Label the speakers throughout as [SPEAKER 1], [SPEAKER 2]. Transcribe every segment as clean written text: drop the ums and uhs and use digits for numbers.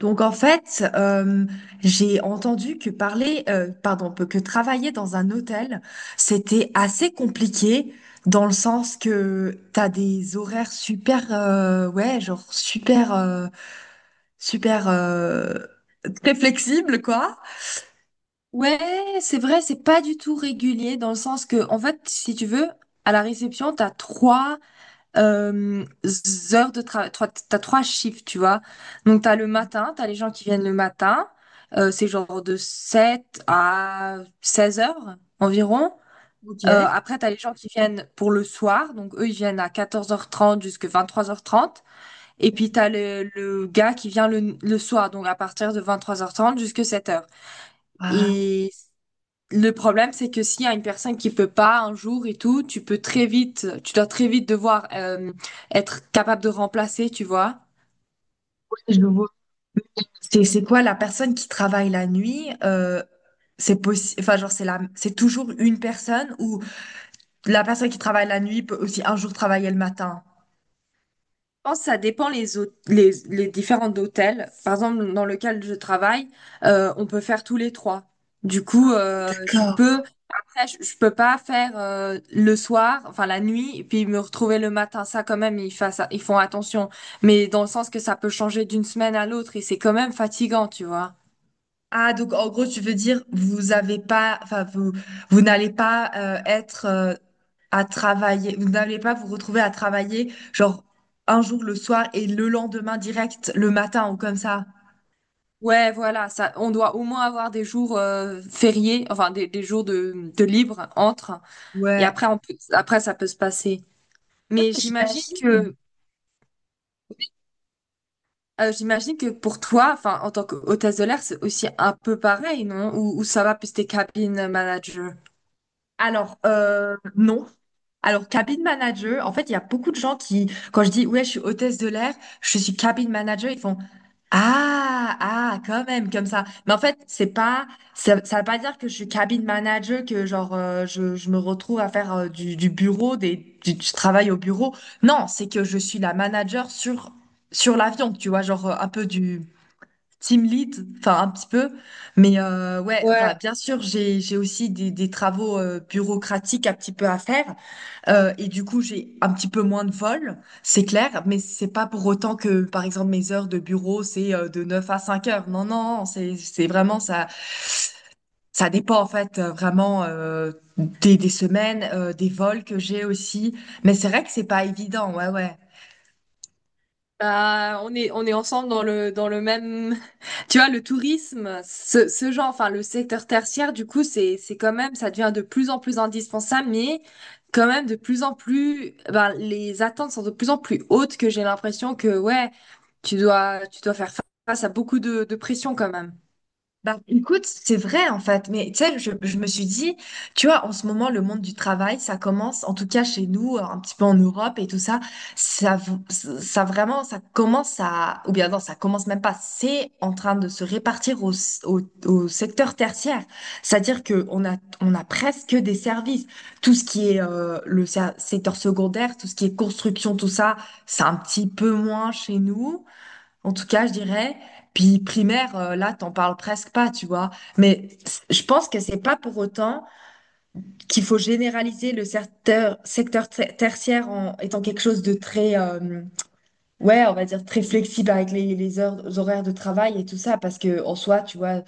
[SPEAKER 1] Donc en fait, j'ai entendu que parler, pardon, que travailler dans un hôtel, c'était assez compliqué dans le sens que t'as des horaires super, ouais, genre super, super très flexibles quoi.
[SPEAKER 2] Ouais, c'est vrai, c'est pas du tout régulier dans le sens que, en fait, si tu veux, à la réception, t'as trois euh, heures de travail, t'as trois chiffres, tu vois. Donc, t'as le matin, t'as les gens qui viennent le matin, c'est genre de 7 h à 16 h environ.
[SPEAKER 1] Ok.
[SPEAKER 2] Après, t'as les gens qui viennent pour le soir, donc eux, ils viennent à 14h30 jusqu'à 3 h 30. Et puis, t'as le gars qui vient le soir, donc à partir de 23h30 jusqu'à 7 h.
[SPEAKER 1] Ah,
[SPEAKER 2] Et le problème, c'est que s'il y a une personne qui peut pas un jour et tout, tu dois très vite devoir être capable de remplacer, tu vois.
[SPEAKER 1] ouais, je vois. C'est quoi la personne qui travaille la nuit? C'est possible, enfin genre c'est toujours une personne ou la personne qui travaille la nuit peut aussi un jour travailler le matin.
[SPEAKER 2] Je pense que ça dépend les différents hôtels. Par exemple, dans lequel je travaille, on peut faire tous les trois. Du coup,
[SPEAKER 1] D'accord.
[SPEAKER 2] après, je peux pas faire le soir, enfin la nuit, et puis me retrouver le matin. Ça, quand même, ils font attention. Mais dans le sens que ça peut changer d'une semaine à l'autre et c'est quand même fatigant, tu vois.
[SPEAKER 1] Ah, donc en gros, tu veux dire, vous avez pas, enfin, vous, vous n'allez pas être à travailler, vous n'allez pas vous retrouver à travailler, genre un jour le soir et le lendemain direct, le matin ou comme ça.
[SPEAKER 2] Ouais, voilà, ça, on doit au moins avoir des jours fériés, enfin des jours de libre entre, et
[SPEAKER 1] Ouais.
[SPEAKER 2] après ça peut se passer.
[SPEAKER 1] Ouais,
[SPEAKER 2] Mais
[SPEAKER 1] j'imagine.
[SPEAKER 2] j'imagine que pour toi, enfin en tant qu'hôtesse de l'air, c'est aussi un peu pareil, non? Ou ça va plus tes cabines manager?
[SPEAKER 1] Alors, non. Alors, cabin manager, en fait, il y a beaucoup de gens qui, quand je dis, ouais, je suis hôtesse de l'air, je suis cabin manager, ils font, ah, ah, quand même, comme ça. Mais en fait, c'est pas, ça veut pas dire que je suis cabin manager, que genre, je me retrouve à faire du bureau, du travail au bureau. Non, c'est que je suis la manager sur l'avion, tu vois, genre, un peu Team lead, enfin un petit peu, mais ouais, enfin
[SPEAKER 2] Ouais,
[SPEAKER 1] bien sûr j'ai aussi des travaux bureaucratiques un petit peu à faire et du coup j'ai un petit peu moins de vol, c'est clair, mais c'est pas pour autant que par exemple mes heures de bureau c'est de 9 à 5 heures, non non, non, c'est vraiment ça. Ça dépend en fait vraiment des semaines, des vols que j'ai aussi, mais c'est vrai que c'est pas évident, ouais ouais.
[SPEAKER 2] bah, on est ensemble dans le même, tu vois, le tourisme, ce genre, enfin, le secteur tertiaire, du coup, c'est quand même, ça devient de plus en plus indispensable, mais quand même de plus en plus, ben, les attentes sont de plus en plus hautes que j'ai l'impression que, ouais, tu dois faire face à beaucoup de pression quand même.
[SPEAKER 1] Bah, écoute, c'est vrai en fait, mais tu sais, je me suis dit, tu vois, en ce moment, le monde du travail, ça commence, en tout cas chez nous, un petit peu en Europe et tout ça, ça, v- ça vraiment, ça commence à, ou bien non, ça commence même pas, c'est en train de se répartir au secteur tertiaire. C'est-à-dire que on a presque des services. Tout ce qui est le secteur secondaire, tout ce qui est construction, tout ça, c'est un petit peu moins chez nous. En tout cas, je dirais, puis primaire, là, t'en parles presque pas, tu vois. Mais je pense que c'est pas pour autant qu'il faut généraliser le tertiaire en étant quelque chose de très, ouais, on va dire très flexible avec les heures, les horaires de travail et tout ça, parce que en soi, tu vois,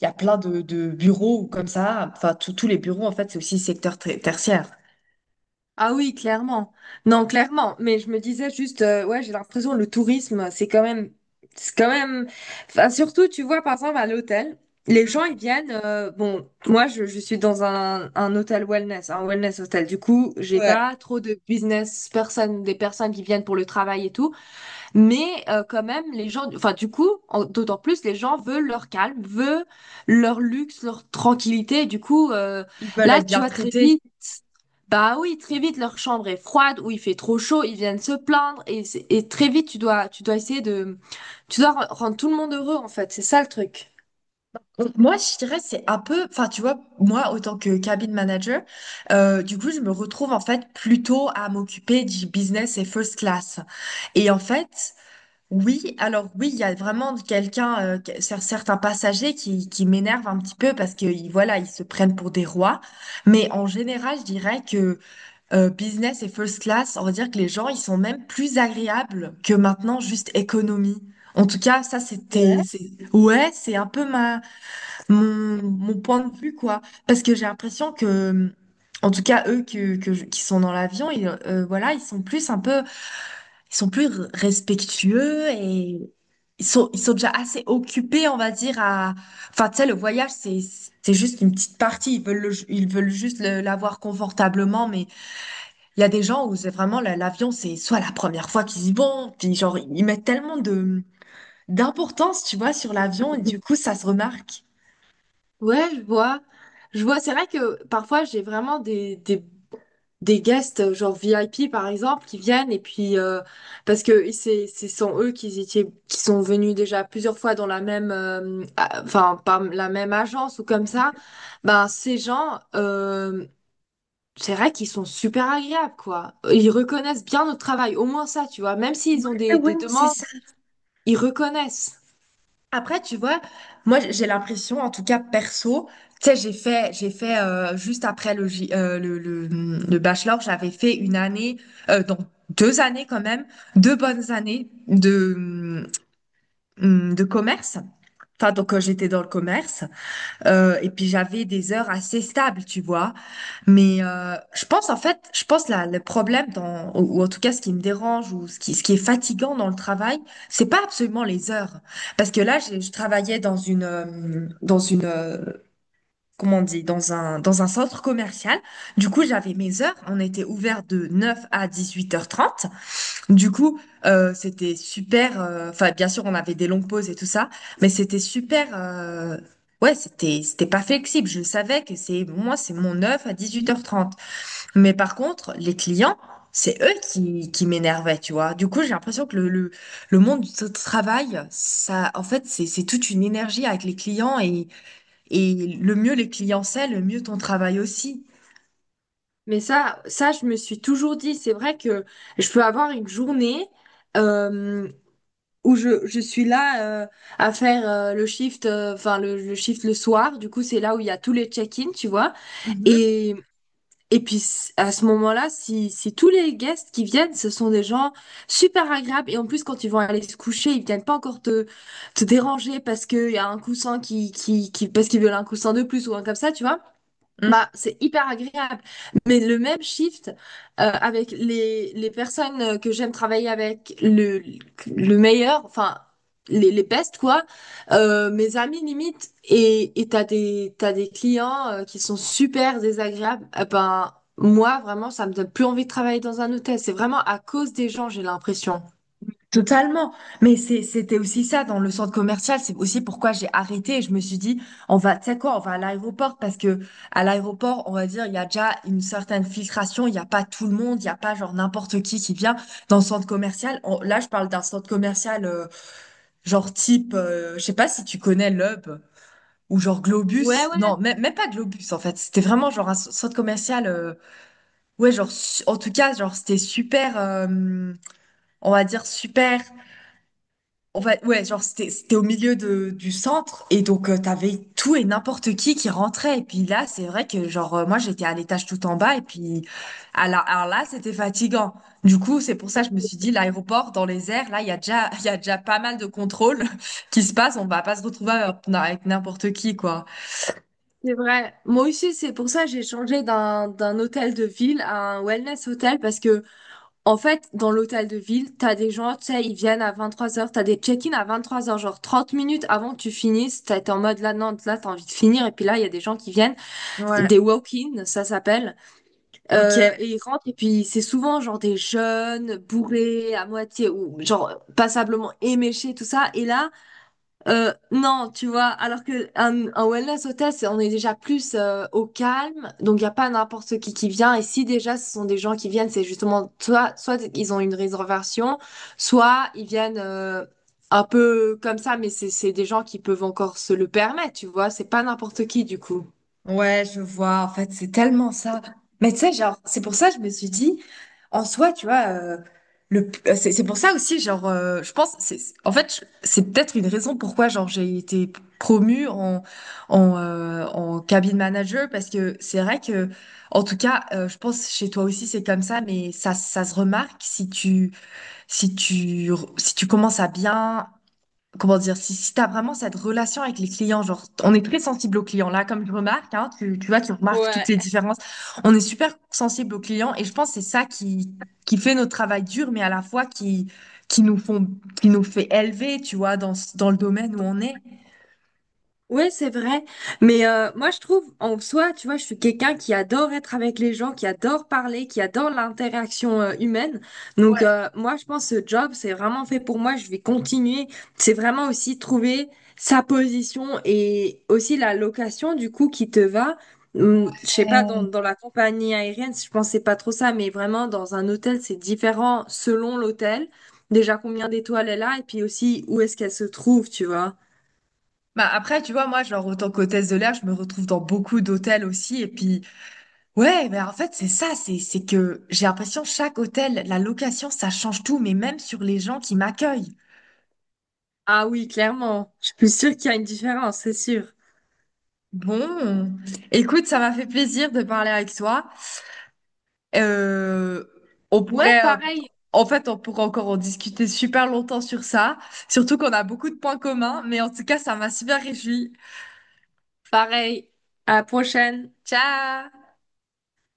[SPEAKER 1] il y a plein de bureaux comme ça. Enfin, tous les bureaux, en fait, c'est aussi tertiaire.
[SPEAKER 2] Ah oui, clairement. Non, clairement. Mais je me disais juste, ouais, j'ai l'impression que le tourisme, c'est quand même. Enfin, surtout, tu vois, par exemple, à l'hôtel, les gens ils viennent. Bon, moi, je suis dans un hôtel wellness, un wellness hôtel. Du coup, j'ai
[SPEAKER 1] Ouais.
[SPEAKER 2] pas trop de business personnes, des personnes qui viennent pour le travail et tout. Mais quand même, les gens, enfin du coup, d'autant plus, les gens veulent leur calme, veulent leur luxe, leur tranquillité. Et du coup,
[SPEAKER 1] Ils veulent
[SPEAKER 2] là,
[SPEAKER 1] être
[SPEAKER 2] tu
[SPEAKER 1] bien
[SPEAKER 2] vois, très
[SPEAKER 1] traités.
[SPEAKER 2] vite, bah oui, très vite, leur chambre est froide ou il fait trop chaud, ils viennent se plaindre et, et très vite, tu dois essayer de, tu dois re- rendre tout le monde heureux en fait. C'est ça le truc.
[SPEAKER 1] Moi, je dirais, c'est un peu, enfin, tu vois, moi, autant que cabin manager, du coup, je me retrouve en fait plutôt à m'occuper du business et first class. Et en fait, oui, alors oui, il y a vraiment quelqu'un, certains passagers qui m'énervent un petit peu parce que, voilà, ils se prennent pour des rois. Mais en général, je dirais que business et first class, on va dire que les gens, ils sont même plus agréables que maintenant juste économie. En tout cas, ça, c'était, c'est, ouais, c'est un peu mon point de vue, quoi. Parce que j'ai l'impression que, en tout cas, eux qui sont dans l'avion, voilà, ils sont plus un peu, ils sont plus r- respectueux et ils sont déjà assez occupés, on va dire, à. Enfin, tu sais, le voyage, c'est juste une petite partie. Ils veulent, ils veulent juste l'avoir confortablement, mais il y a des gens où c'est vraiment l'avion, c'est soit la première fois qu'ils y vont, puis genre, ils mettent tellement d'importance, tu vois, sur l'avion, et du coup, ça se remarque.
[SPEAKER 2] Ouais, je vois, je vois. C'est vrai que parfois, j'ai vraiment des guests genre VIP par exemple qui viennent et puis parce que c'est sont eux qui étaient qui sont venus déjà plusieurs fois dans la même enfin par la même agence ou comme ça. Ben ces gens, c'est vrai qu'ils sont super agréables, quoi. Ils reconnaissent bien notre travail, au moins ça, tu vois. Même s'ils ont
[SPEAKER 1] Ouais,
[SPEAKER 2] des
[SPEAKER 1] ouais,
[SPEAKER 2] des
[SPEAKER 1] c'est
[SPEAKER 2] demandes,
[SPEAKER 1] ça.
[SPEAKER 2] ils reconnaissent.
[SPEAKER 1] Après, tu vois, moi j'ai l'impression, en tout cas perso, tu sais, j'ai fait juste après le bachelor, j'avais fait une année, donc 2 années quand même, 2 bonnes années de commerce. Enfin, donc j'étais dans le commerce. Et puis j'avais des heures assez stables, tu vois. Mais je pense en fait, je pense là, le problème dans, ou en tout cas ce qui me dérange ou ce qui est fatigant dans le travail, c'est pas absolument les heures. Parce que là, je travaillais comment on dit, dans un centre commercial. Du coup, j'avais mes heures. On était ouvert de 9 à 18h30. Du coup, c'était super. Enfin, bien sûr, on avait des longues pauses et tout ça, mais c'était super. Ouais, c'était pas flexible. Je savais que c'est moi, c'est mon 9 à 18h30. Mais par contre, les clients, c'est eux qui m'énervaient, tu vois. Du coup, j'ai l'impression que le monde du travail, ça, en fait, c'est toute une énergie avec les clients et le mieux les clients c'est, le mieux ton travail aussi.
[SPEAKER 2] Mais ça je me suis toujours dit, c'est vrai que je peux avoir une journée euh, où je suis là, à faire le shift, enfin le shift le soir. Du coup, c'est là où il y a tous les check-in, tu vois.
[SPEAKER 1] Mhm.
[SPEAKER 2] Et, et puis à ce moment-là, si tous les guests qui viennent, ce sont des gens super agréables. Et en plus, quand ils vont aller se coucher, ils viennent pas encore te déranger parce qu'il y a un coussin qui parce qu'ils veulent un coussin de plus ou un comme ça, tu vois.
[SPEAKER 1] Mm.
[SPEAKER 2] Bah, c'est hyper agréable. Mais le même shift, avec les personnes, que j'aime travailler avec, le meilleur, enfin, les best, quoi, mes amis limite, et t'as des clients qui sont super désagréables, eh ben, moi, vraiment, ça me donne plus envie de travailler dans un hôtel. C'est vraiment à cause des gens, j'ai l'impression.
[SPEAKER 1] Totalement. Mais c'était aussi ça dans le centre commercial. C'est aussi pourquoi j'ai arrêté. Et je me suis dit, on va, tu sais quoi, on va à l'aéroport parce que à l'aéroport, on va dire, il y a déjà une certaine filtration. Il n'y a pas tout le monde. Il n'y a pas genre n'importe qui vient dans le centre commercial. Là, je parle d'un centre commercial. Genre type, je sais pas si tu connais l'Hub ou genre
[SPEAKER 2] Ouais,
[SPEAKER 1] Globus.
[SPEAKER 2] ouais,
[SPEAKER 1] Non, même pas Globus en fait. C'était vraiment genre un centre commercial. Ouais, genre en tout cas, genre c'était super, on va dire super. En fait, ouais, genre c'était au milieu du centre et donc t'avais tout et n'importe qui rentrait. Et puis là, c'est vrai que genre moi j'étais à l'étage tout en bas et puis alors là c'était fatigant. Du coup, c'est pour ça que je me suis dit l'aéroport dans les airs, là il y a déjà il y a déjà pas mal de contrôles qui se passent. On va pas se retrouver avec n'importe qui quoi.
[SPEAKER 2] c'est vrai. Moi aussi, c'est pour ça que j'ai changé d'un hôtel de ville à un wellness hôtel parce que en fait, dans l'hôtel de ville, t'as des gens, tu sais, ils viennent à 23 heures, t'as des check-in à 23 heures, genre 30 minutes avant que tu finisses, t'es en mode là, non, là, t'as envie de finir, et puis là, il y a des gens qui viennent,
[SPEAKER 1] Ouais,
[SPEAKER 2] des walk-in, ça s'appelle,
[SPEAKER 1] ok.
[SPEAKER 2] et ils rentrent, et puis c'est souvent genre des jeunes, bourrés, à moitié, ou genre passablement éméchés, tout ça, et là, non, tu vois, alors que un wellness hôtel, c'est, on est déjà plus, au calme, donc il n'y a pas n'importe qui vient. Et si déjà ce sont des gens qui viennent, c'est justement soit ils ont une réservation, soit ils viennent un peu comme ça, mais c'est des gens qui peuvent encore se le permettre, tu vois. C'est pas n'importe qui du coup.
[SPEAKER 1] Ouais, je vois. En fait, c'est tellement ça. Mais tu sais, genre, c'est pour ça que je me suis dit, en soi, tu vois, c'est pour ça aussi, genre, je pense, en fait, c'est peut-être une raison pourquoi, genre, j'ai été promue en cabine manager, parce que c'est vrai que, en tout cas, je pense chez toi aussi, c'est comme ça, mais ça se remarque si tu, si tu commences à bien comment dire, si tu as vraiment cette relation avec les clients, genre, on est très sensible aux clients. Là, comme je remarque, hein, tu vois, tu remarques toutes les
[SPEAKER 2] Ouais.
[SPEAKER 1] différences. On est super sensible aux clients et je pense que c'est ça qui fait notre travail dur, mais à la fois qui nous font, qui nous fait élever, tu vois, dans le domaine où on est.
[SPEAKER 2] Ouais, c'est vrai. Mais moi, je trouve, en soi, tu vois, je suis quelqu'un qui adore être avec les gens, qui adore parler, qui adore l'interaction, humaine. Donc, moi, je pense que ce job, c'est vraiment fait pour moi. Je vais continuer. C'est vraiment aussi trouver sa position et aussi la location, du coup, qui te va. Je sais pas, dans,
[SPEAKER 1] Ouais.
[SPEAKER 2] dans la compagnie aérienne, je pensais pas trop ça, mais vraiment, dans un hôtel, c'est différent selon l'hôtel. Déjà, combien d'étoiles elle a et puis aussi où est-ce qu'elle se trouve, tu vois.
[SPEAKER 1] Bah après, tu vois, moi, genre, autant qu'hôtesse de l'air, je me retrouve dans beaucoup d'hôtels aussi. Et puis, ouais, mais en fait, c'est ça, c'est que j'ai l'impression, chaque hôtel, la location, ça change tout, mais même sur les gens qui m'accueillent.
[SPEAKER 2] Ah oui, clairement. Je suis sûre qu'il y a une différence, c'est sûr.
[SPEAKER 1] Bon, écoute, ça m'a fait plaisir de parler avec toi. Euh, on
[SPEAKER 2] Ouais,
[SPEAKER 1] pourrait,
[SPEAKER 2] pareil,
[SPEAKER 1] en fait, on pourrait encore en discuter super longtemps sur ça, surtout qu'on a beaucoup de points communs, mais en tout cas, ça m'a super réjoui.
[SPEAKER 2] pareil. À la prochaine.
[SPEAKER 1] Ciao!